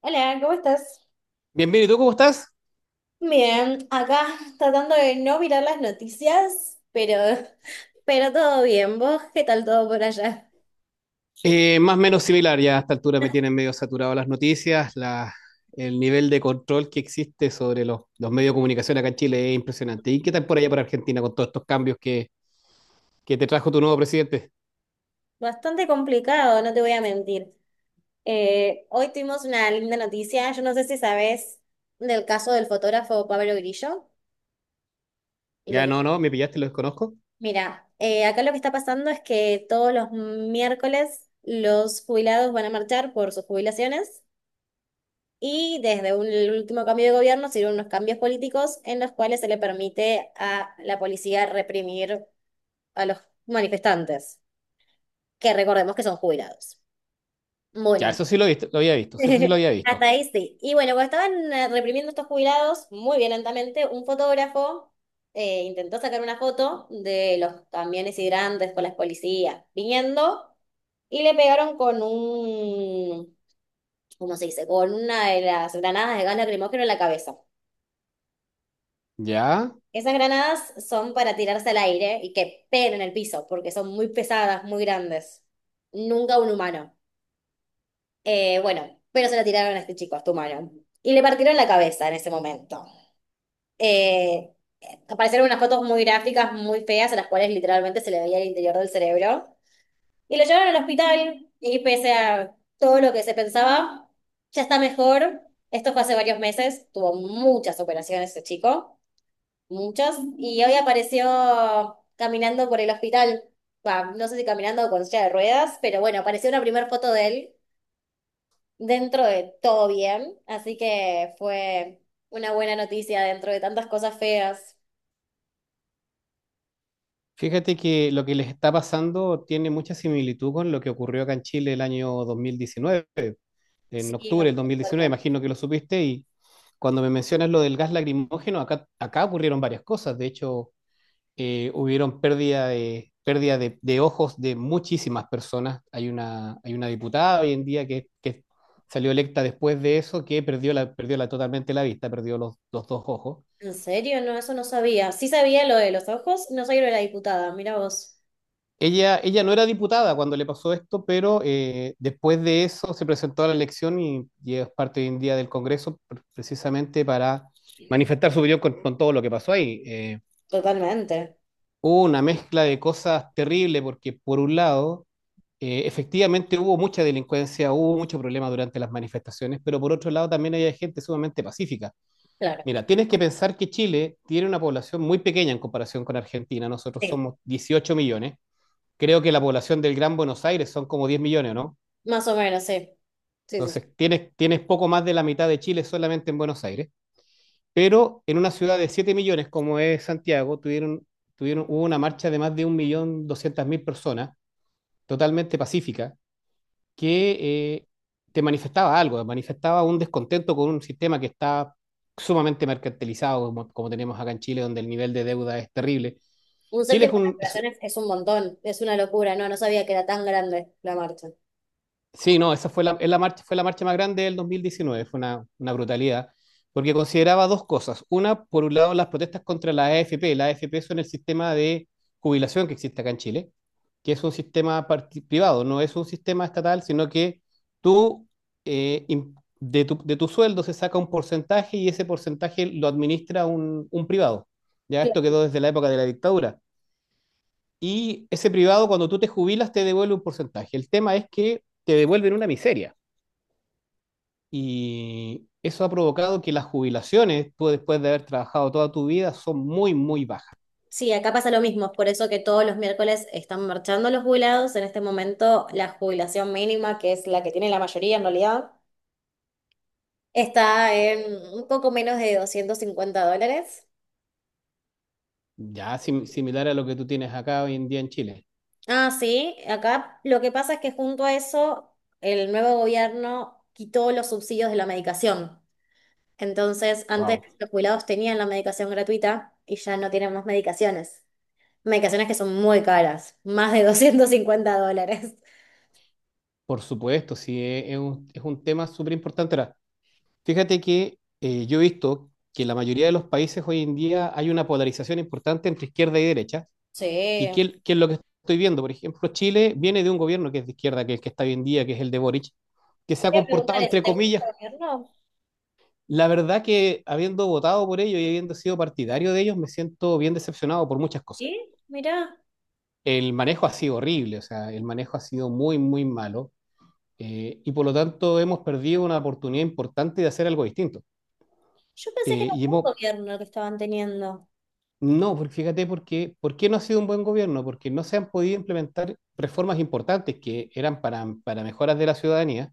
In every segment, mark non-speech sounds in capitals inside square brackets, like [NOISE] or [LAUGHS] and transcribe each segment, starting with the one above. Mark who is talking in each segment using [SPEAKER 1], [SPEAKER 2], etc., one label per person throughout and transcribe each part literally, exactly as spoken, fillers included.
[SPEAKER 1] Hola, ¿cómo estás?
[SPEAKER 2] Bien, bien, ¿y tú cómo estás?
[SPEAKER 1] Bien, acá tratando de no mirar las noticias, pero, [LAUGHS] pero todo bien. ¿Vos qué tal todo por allá?
[SPEAKER 2] Eh, más o menos similar, ya a esta altura me tienen medio saturado las noticias, la- el nivel de control que existe sobre los, los medios de comunicación acá en Chile es impresionante. ¿Y qué tal por allá por Argentina con todos estos cambios que, que te trajo tu nuevo presidente?
[SPEAKER 1] Bastante complicado, no te voy a mentir. Eh, hoy tuvimos una linda noticia, yo no sé si sabés del caso del fotógrafo Pablo Grillo. Y lo
[SPEAKER 2] Ya,
[SPEAKER 1] que...
[SPEAKER 2] no, no, me pillaste, lo desconozco.
[SPEAKER 1] Mira, eh, acá lo que está pasando es que todos los miércoles los jubilados van a marchar por sus jubilaciones. Y desde un- el último cambio de gobierno se dieron unos cambios políticos en los cuales se le permite a la policía reprimir a los manifestantes, que recordemos que son jubilados.
[SPEAKER 2] Ya,
[SPEAKER 1] Bueno,
[SPEAKER 2] eso sí lo, he visto- lo había visto, sí, eso sí lo
[SPEAKER 1] [LAUGHS]
[SPEAKER 2] había
[SPEAKER 1] hasta
[SPEAKER 2] visto.
[SPEAKER 1] ahí sí. Y bueno, cuando estaban eh, reprimiendo estos jubilados, muy violentamente, un fotógrafo eh, intentó sacar una foto de los camiones hidrantes con las policías viniendo y le pegaron con un, ¿cómo se dice? Con una de las granadas de gas lacrimógeno en la cabeza.
[SPEAKER 2] Ya,
[SPEAKER 1] Esas granadas son para tirarse al aire y que peguen en el piso, porque son muy pesadas, muy grandes. Nunca un humano. Eh, bueno, pero se la tiraron a este chico, a este humano. Y le partieron la cabeza en ese momento. Eh, Aparecieron unas fotos muy gráficas, muy feas, a las cuales literalmente se le veía el interior del cerebro. Y lo llevaron al hospital y pese a todo lo que se pensaba, ya está mejor. Esto fue hace varios meses, tuvo muchas operaciones ese chico. Muchos. Y hoy apareció caminando por el hospital. Bah, no sé si caminando o con silla de ruedas, pero bueno, apareció una primera foto de él dentro de todo bien. Así que fue una buena noticia dentro de tantas cosas feas.
[SPEAKER 2] fíjate que lo que les está pasando tiene mucha similitud con lo que ocurrió acá en Chile el año dos mil diecinueve. En
[SPEAKER 1] Sí, me
[SPEAKER 2] octubre del dos mil diecinueve,
[SPEAKER 1] preocuparon.
[SPEAKER 2] imagino que lo supiste, y cuando me mencionas lo del gas lacrimógeno, acá, acá ocurrieron varias cosas. De hecho, eh, hubieron pérdida de, pérdida de, de ojos de muchísimas personas. Hay una, hay una diputada hoy en día que, que salió electa después de eso, que perdió, la, perdió la, totalmente la vista, perdió los, los dos ojos.
[SPEAKER 1] ¿En serio? No, eso no sabía. Sí sabía lo de los ojos, no sabía lo de la diputada. Mira vos.
[SPEAKER 2] Ella, ella no era diputada cuando le pasó esto, pero eh, después de eso se presentó a la elección y, y es parte hoy en día del Congreso pre- precisamente para manifestar su opinión con, con todo lo que pasó ahí. Eh,
[SPEAKER 1] Totalmente.
[SPEAKER 2] hubo una mezcla de cosas terribles porque por un lado, eh, efectivamente hubo mucha delincuencia, hubo mucho problema durante las manifestaciones, pero por otro lado también había gente sumamente pacífica.
[SPEAKER 1] Claro.
[SPEAKER 2] Mira, tienes que pensar que Chile tiene una población muy pequeña en comparación con Argentina, nosotros
[SPEAKER 1] Sí.
[SPEAKER 2] somos dieciocho millones, creo que la población del Gran Buenos Aires son como diez millones, ¿no?
[SPEAKER 1] Más o menos, sí. Sí, sí, sí.
[SPEAKER 2] Entonces, tienes, tienes poco más de la mitad de Chile solamente en Buenos Aires, pero en una ciudad de siete millones como es Santiago, tuvieron, tuvieron, hubo una marcha de más de un millón doscientas mil personas, totalmente pacífica, que eh, te manifestaba algo, manifestaba un descontento con un sistema que está sumamente mercantilizado, como, como tenemos acá en Chile, donde el nivel de deuda es terrible.
[SPEAKER 1] Un
[SPEAKER 2] Chile es
[SPEAKER 1] séptimo de las
[SPEAKER 2] un, es,
[SPEAKER 1] operaciones es un montón. Es una locura. No, no sabía que era tan grande la marcha.
[SPEAKER 2] Sí, no, esa fue la, es la marcha, fue la marcha más grande del dos mil diecinueve, fue una, una brutalidad, porque consideraba dos cosas. Una, por un lado, las protestas contra la A F P. La A F P son el sistema de jubilación que existe acá en Chile, que es un sistema parti- privado, no es un sistema estatal, sino que tú, eh, im- de tu, de tu sueldo se saca un porcentaje y ese porcentaje lo administra un, un privado. Ya esto quedó desde la época de la dictadura. Y ese privado, cuando tú te jubilas, te devuelve un porcentaje. El tema es que te devuelven una miseria. Y eso ha provocado que las jubilaciones, tú después de haber trabajado toda tu vida, son muy, muy bajas.
[SPEAKER 1] Sí, acá pasa lo mismo, es por eso que todos los miércoles están marchando los jubilados. En este momento, la jubilación mínima, que es la que tiene la mayoría en realidad, está en un poco menos de doscientos cincuenta dólares.
[SPEAKER 2] Ya sim- similar a lo que tú tienes acá hoy en día en Chile.
[SPEAKER 1] Ah, sí, acá lo que pasa es que junto a eso, el nuevo gobierno quitó los subsidios de la medicación. Entonces, antes
[SPEAKER 2] Wow.
[SPEAKER 1] los jubilados tenían la medicación gratuita y ya no tienen más medicaciones. Medicaciones que son muy caras, más de doscientos cincuenta dólares.
[SPEAKER 2] Por supuesto, sí, es es un, es un tema súper importante. Ahora, fíjate que eh, yo he visto que en la mayoría de los países hoy en día hay una polarización importante entre izquierda y derecha. ¿Y
[SPEAKER 1] Sí,
[SPEAKER 2] qué, es qué es lo que estoy viendo? Por ejemplo, Chile viene de un gobierno que es de izquierda, que es el que está hoy en día, que es el de Boric, que se ha
[SPEAKER 1] Voy a
[SPEAKER 2] comportado,
[SPEAKER 1] preguntar eso,
[SPEAKER 2] entre
[SPEAKER 1] ¿te gusta
[SPEAKER 2] comillas.
[SPEAKER 1] el gobierno?
[SPEAKER 2] La verdad que habiendo votado por ellos y habiendo sido partidario de ellos, me siento bien decepcionado por muchas cosas.
[SPEAKER 1] ¿Sí? Mirá,
[SPEAKER 2] El manejo ha sido horrible, o sea, el manejo ha sido muy, muy malo, eh, y por lo tanto hemos perdido una oportunidad importante de hacer algo distinto.
[SPEAKER 1] yo pensé que
[SPEAKER 2] Eh,
[SPEAKER 1] era
[SPEAKER 2] y
[SPEAKER 1] un buen
[SPEAKER 2] hemos,
[SPEAKER 1] gobierno que estaban teniendo.
[SPEAKER 2] no, porque fíjate, porque, ¿por qué no ha sido un buen gobierno? Porque no se han podido implementar reformas importantes que eran para, para mejoras de la ciudadanía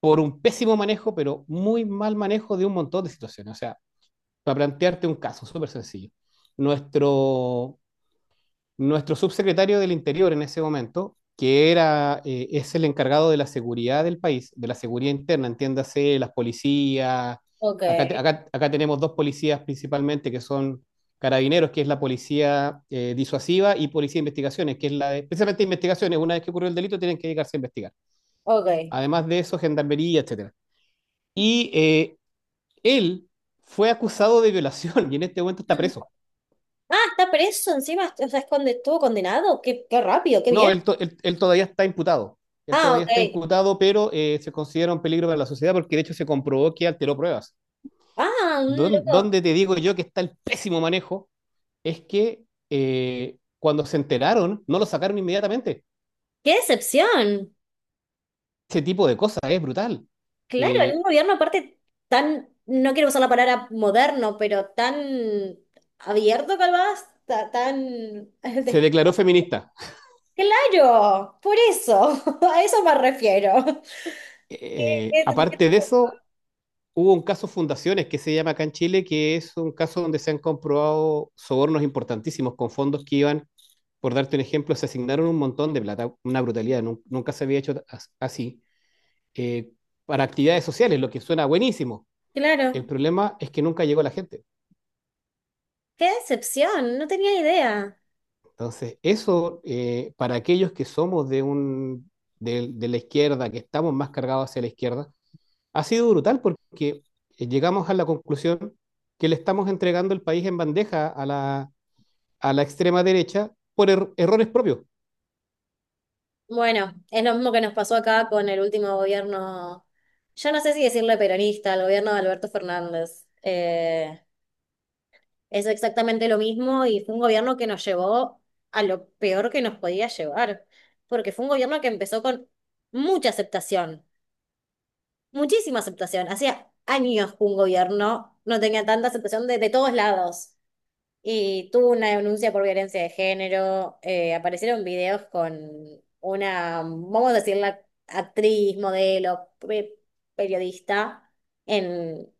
[SPEAKER 2] por un pésimo manejo, pero muy mal manejo de un montón de situaciones. O sea, para plantearte un caso súper sencillo. Nuestro, nuestro subsecretario del Interior en ese momento, que era, eh, es el encargado de la seguridad del país, de la seguridad interna, entiéndase, las policías.
[SPEAKER 1] Ok,
[SPEAKER 2] Acá, te- acá- acá tenemos dos policías principalmente que son carabineros, que es la policía eh, disuasiva, y policía de investigaciones, que es la de, precisamente investigaciones, una vez que ocurrió el delito tienen que dedicarse a investigar.
[SPEAKER 1] ok.
[SPEAKER 2] Además de eso, gendarmería, etcétera. Y eh, él fue acusado de violación [LAUGHS] y en este momento está
[SPEAKER 1] Mm.
[SPEAKER 2] preso.
[SPEAKER 1] Ah, está preso encima, o sea, es conde- estuvo condenado. Qué, qué rápido, qué
[SPEAKER 2] No,
[SPEAKER 1] bien.
[SPEAKER 2] él, to- él- él todavía está imputado. Él
[SPEAKER 1] Ah,
[SPEAKER 2] todavía está
[SPEAKER 1] ok.
[SPEAKER 2] imputado, pero eh, se considera un peligro para la sociedad porque de hecho se comprobó que alteró pruebas.
[SPEAKER 1] Ah, un
[SPEAKER 2] Don-
[SPEAKER 1] loco.
[SPEAKER 2] donde te digo yo que está el pésimo manejo es que eh, cuando se enteraron, no lo sacaron inmediatamente.
[SPEAKER 1] Qué decepción.
[SPEAKER 2] Ese tipo de cosas es brutal.
[SPEAKER 1] Claro, en un
[SPEAKER 2] Eh,
[SPEAKER 1] gobierno aparte tan, no quiero usar la palabra moderno, pero tan abierto calvás, tan... [LAUGHS]
[SPEAKER 2] se
[SPEAKER 1] de-
[SPEAKER 2] declaró feminista.
[SPEAKER 1] Claro, por eso, [LAUGHS] a eso me refiero.
[SPEAKER 2] Eh, aparte de
[SPEAKER 1] [LAUGHS]
[SPEAKER 2] eso, hubo un caso Fundaciones que se llama acá en Chile, que es un caso donde se han comprobado sobornos importantísimos con fondos que iban, por darte un ejemplo, se asignaron un montón de plata, una brutalidad, nun- nunca se había hecho as- así, eh, para actividades sociales, lo que suena buenísimo. El
[SPEAKER 1] Claro,
[SPEAKER 2] problema es que nunca llegó la gente.
[SPEAKER 1] qué decepción, no tenía idea.
[SPEAKER 2] Entonces, eso eh, para aquellos que somos de, un, de, de la izquierda, que estamos más cargados hacia la izquierda, ha sido brutal porque eh, llegamos a la conclusión que le estamos entregando el país en bandeja a la, a la extrema derecha por er- errores propios.
[SPEAKER 1] Bueno, es lo mismo que nos pasó acá con el último gobierno, yo no sé si decirle peronista, el gobierno de Alberto Fernández. Eh, es exactamente lo mismo y fue un gobierno que nos llevó a lo peor que nos podía llevar, porque fue un gobierno que empezó con mucha aceptación, muchísima aceptación. Hacía años que un gobierno no tenía tanta aceptación de, de todos lados. Y tuvo una denuncia por violencia de género. Eh, aparecieron videos con una, vamos a decirla, actriz, modelo, pe- periodista en,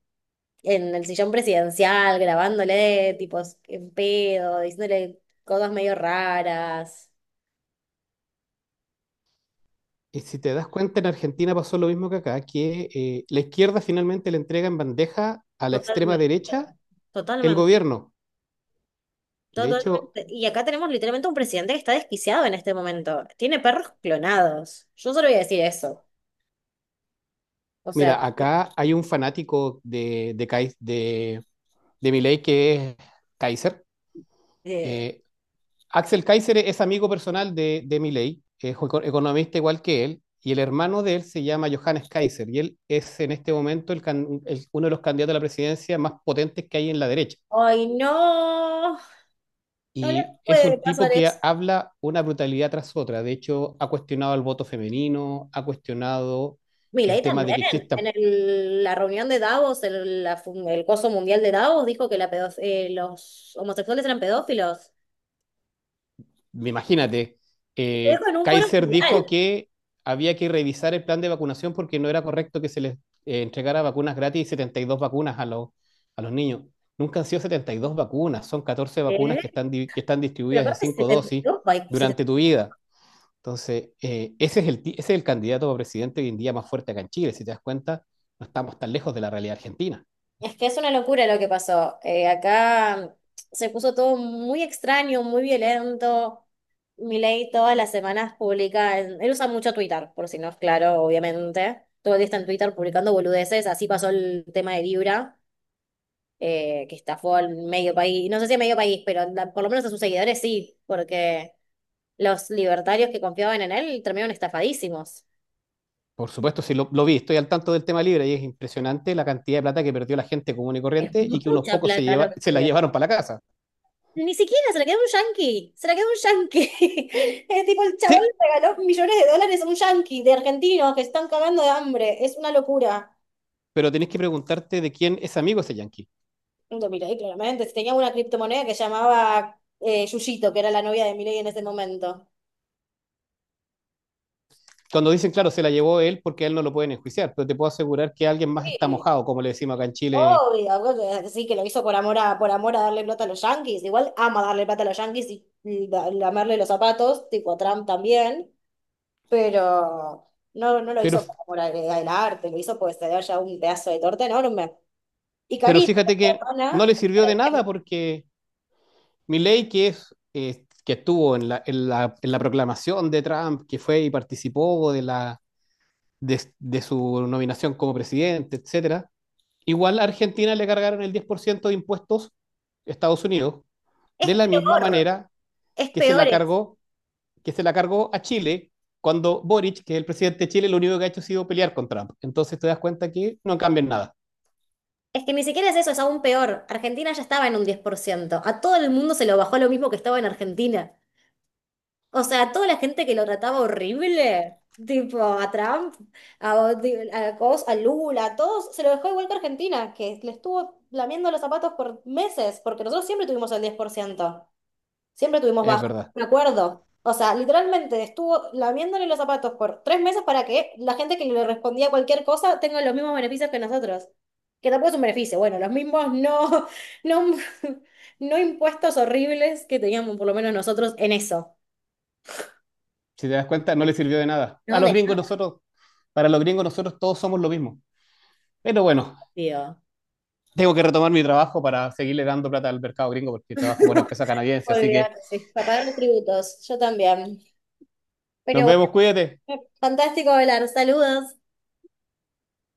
[SPEAKER 1] en el sillón presidencial, grabándole tipos en pedo, diciéndole cosas medio raras.
[SPEAKER 2] Y si te das cuenta, en Argentina pasó lo mismo que acá, que eh, la izquierda finalmente le entrega en bandeja a la extrema
[SPEAKER 1] Totalmente,
[SPEAKER 2] derecha el
[SPEAKER 1] totalmente,
[SPEAKER 2] gobierno. De hecho,
[SPEAKER 1] totalmente. Y acá tenemos literalmente un presidente que está desquiciado en este momento. Tiene perros clonados. Yo solo voy a decir eso. O sea,
[SPEAKER 2] mira, acá hay un fanático de, de, Kai- de, de Milei que es Kaiser.
[SPEAKER 1] eh,
[SPEAKER 2] Eh, Axel Kaiser es amigo personal de, de Milei, es eco- economista igual que él, y el hermano de él se llama Johannes Kaiser, y él es en este momento el can- el- uno de los candidatos a la presidencia más potentes que hay en la derecha.
[SPEAKER 1] ay, no, no le
[SPEAKER 2] Y es
[SPEAKER 1] puede
[SPEAKER 2] un tipo
[SPEAKER 1] pasar
[SPEAKER 2] que
[SPEAKER 1] eso.
[SPEAKER 2] habla una brutalidad tras otra. De hecho, ha cuestionado el voto femenino, ha cuestionado el
[SPEAKER 1] Milei
[SPEAKER 2] tema de
[SPEAKER 1] también,
[SPEAKER 2] que
[SPEAKER 1] en
[SPEAKER 2] exista.
[SPEAKER 1] el- la reunión de Davos, el, la fu- el coso mundial de Davos, dijo que la pedof- eh, los homosexuales eran pedófilos.
[SPEAKER 2] Imagínate,
[SPEAKER 1] Y lo
[SPEAKER 2] eh,
[SPEAKER 1] dijo en un foro
[SPEAKER 2] Kaiser dijo
[SPEAKER 1] mundial.
[SPEAKER 2] que había que revisar el plan de vacunación porque no era correcto que se les eh, entregara vacunas gratis y setenta y dos vacunas a los, a los niños. Nunca han sido setenta y dos vacunas, son catorce vacunas
[SPEAKER 1] ¿Eh?
[SPEAKER 2] que están, di- que están
[SPEAKER 1] Pero
[SPEAKER 2] distribuidas en
[SPEAKER 1] aparte,
[SPEAKER 2] cinco
[SPEAKER 1] setenta y
[SPEAKER 2] dosis
[SPEAKER 1] dos?
[SPEAKER 2] durante tu vida. Entonces, eh, ese, es el, ti- ese es el candidato a presidente hoy en día más fuerte acá en Chile. Si te das cuenta, no estamos tan lejos de la realidad argentina.
[SPEAKER 1] Es que es una locura lo que pasó. Eh, acá mm, se puso todo muy extraño, muy violento. Milei todas las semanas publica, en- él usa mucho Twitter, por si no es claro, obviamente. Todo el día está en Twitter publicando boludeces. Así pasó el tema de Libra, eh, que estafó al medio país. No sé si a medio país, pero la- por lo menos a sus seguidores sí, porque los libertarios que confiaban en él terminaron estafadísimos.
[SPEAKER 2] Por supuesto, sí lo, lo vi, estoy al tanto del tema libre y es impresionante la cantidad de plata que perdió la gente común y
[SPEAKER 1] Es
[SPEAKER 2] corriente y que unos
[SPEAKER 1] mucha
[SPEAKER 2] pocos se,
[SPEAKER 1] plata lo
[SPEAKER 2] lleva,
[SPEAKER 1] que
[SPEAKER 2] se la
[SPEAKER 1] estudió.
[SPEAKER 2] llevaron para la casa.
[SPEAKER 1] Ni siquiera, se la quedó un yanqui, se la quedó un yanqui. [LAUGHS] Es tipo, el chaval
[SPEAKER 2] Sí,
[SPEAKER 1] le regaló millones de dólares a un yanqui de argentinos que están cagando de hambre. Es una locura.
[SPEAKER 2] pero tenés que preguntarte de quién es amigo ese yanqui.
[SPEAKER 1] No te miré, claramente. Si tenía una criptomoneda que llamaba eh, Yuyito, que era la novia de Milei en ese momento.
[SPEAKER 2] Cuando dicen, claro, se la llevó él porque a él no lo pueden enjuiciar, pero te puedo asegurar que alguien más está
[SPEAKER 1] Sí,
[SPEAKER 2] mojado, como le decimos acá en Chile.
[SPEAKER 1] obvio, bueno, sí, que lo hizo por amor a, por amor a darle plata a los yanquis. Igual ama darle plata a los yanquis y, y la- lamerle los zapatos, tipo a Trump también, pero... No, no lo
[SPEAKER 2] Pero,
[SPEAKER 1] hizo por amor al, al arte, lo hizo porque se haya un pedazo de torta enorme. Y
[SPEAKER 2] pero
[SPEAKER 1] Carita,
[SPEAKER 2] fíjate
[SPEAKER 1] la
[SPEAKER 2] que no
[SPEAKER 1] hermana,
[SPEAKER 2] le sirvió de nada porque Milei, que es, eh, que estuvo en la, en la, en la proclamación de Trump, que fue y participó de la, de, de su nominación como presidente, etcétera. Igual a Argentina le cargaron el diez por ciento de impuestos Estados Unidos,
[SPEAKER 1] es
[SPEAKER 2] de la misma
[SPEAKER 1] peor,
[SPEAKER 2] manera
[SPEAKER 1] es
[SPEAKER 2] que se
[SPEAKER 1] peor.
[SPEAKER 2] la
[SPEAKER 1] Es
[SPEAKER 2] cargó, que se la cargó a Chile cuando Boric, que es el presidente de Chile, lo único que ha hecho ha sido pelear con Trump. Entonces te das cuenta que no cambian nada,
[SPEAKER 1] Es que ni siquiera es eso, es aún peor. Argentina ya estaba en un diez por ciento, a todo el mundo se lo bajó lo mismo que estaba en Argentina. O sea, a toda la gente que lo trataba horrible, tipo a Trump, a, a Cos, a Lula, a todos, se lo dejó igual que Argentina, que le estuvo lamiendo los zapatos por meses, porque nosotros siempre tuvimos el diez por ciento. Siempre tuvimos
[SPEAKER 2] es
[SPEAKER 1] baja,
[SPEAKER 2] verdad.
[SPEAKER 1] me acuerdo. O sea, literalmente estuvo lamiéndole los zapatos por tres meses para que la gente que le respondía cualquier cosa tenga los mismos beneficios que nosotros. Que tampoco es un beneficio, bueno, los mismos no, no, [LAUGHS] no impuestos horribles que teníamos por lo menos nosotros en eso.
[SPEAKER 2] Si te das cuenta, no le sirvió de nada. A
[SPEAKER 1] No,
[SPEAKER 2] los
[SPEAKER 1] de
[SPEAKER 2] gringos
[SPEAKER 1] nada,
[SPEAKER 2] nosotros, para los gringos nosotros todos somos lo mismo. Pero bueno,
[SPEAKER 1] tío.
[SPEAKER 2] tengo que retomar mi trabajo para seguirle dando plata al mercado gringo porque trabajo por
[SPEAKER 1] [LAUGHS]
[SPEAKER 2] empresa canadiense. Así que
[SPEAKER 1] Olvídate, sí. Para pagar los tributos, yo también.
[SPEAKER 2] nos
[SPEAKER 1] Pero bueno,
[SPEAKER 2] vemos, cuídate.
[SPEAKER 1] fantástico hablar. Saludos.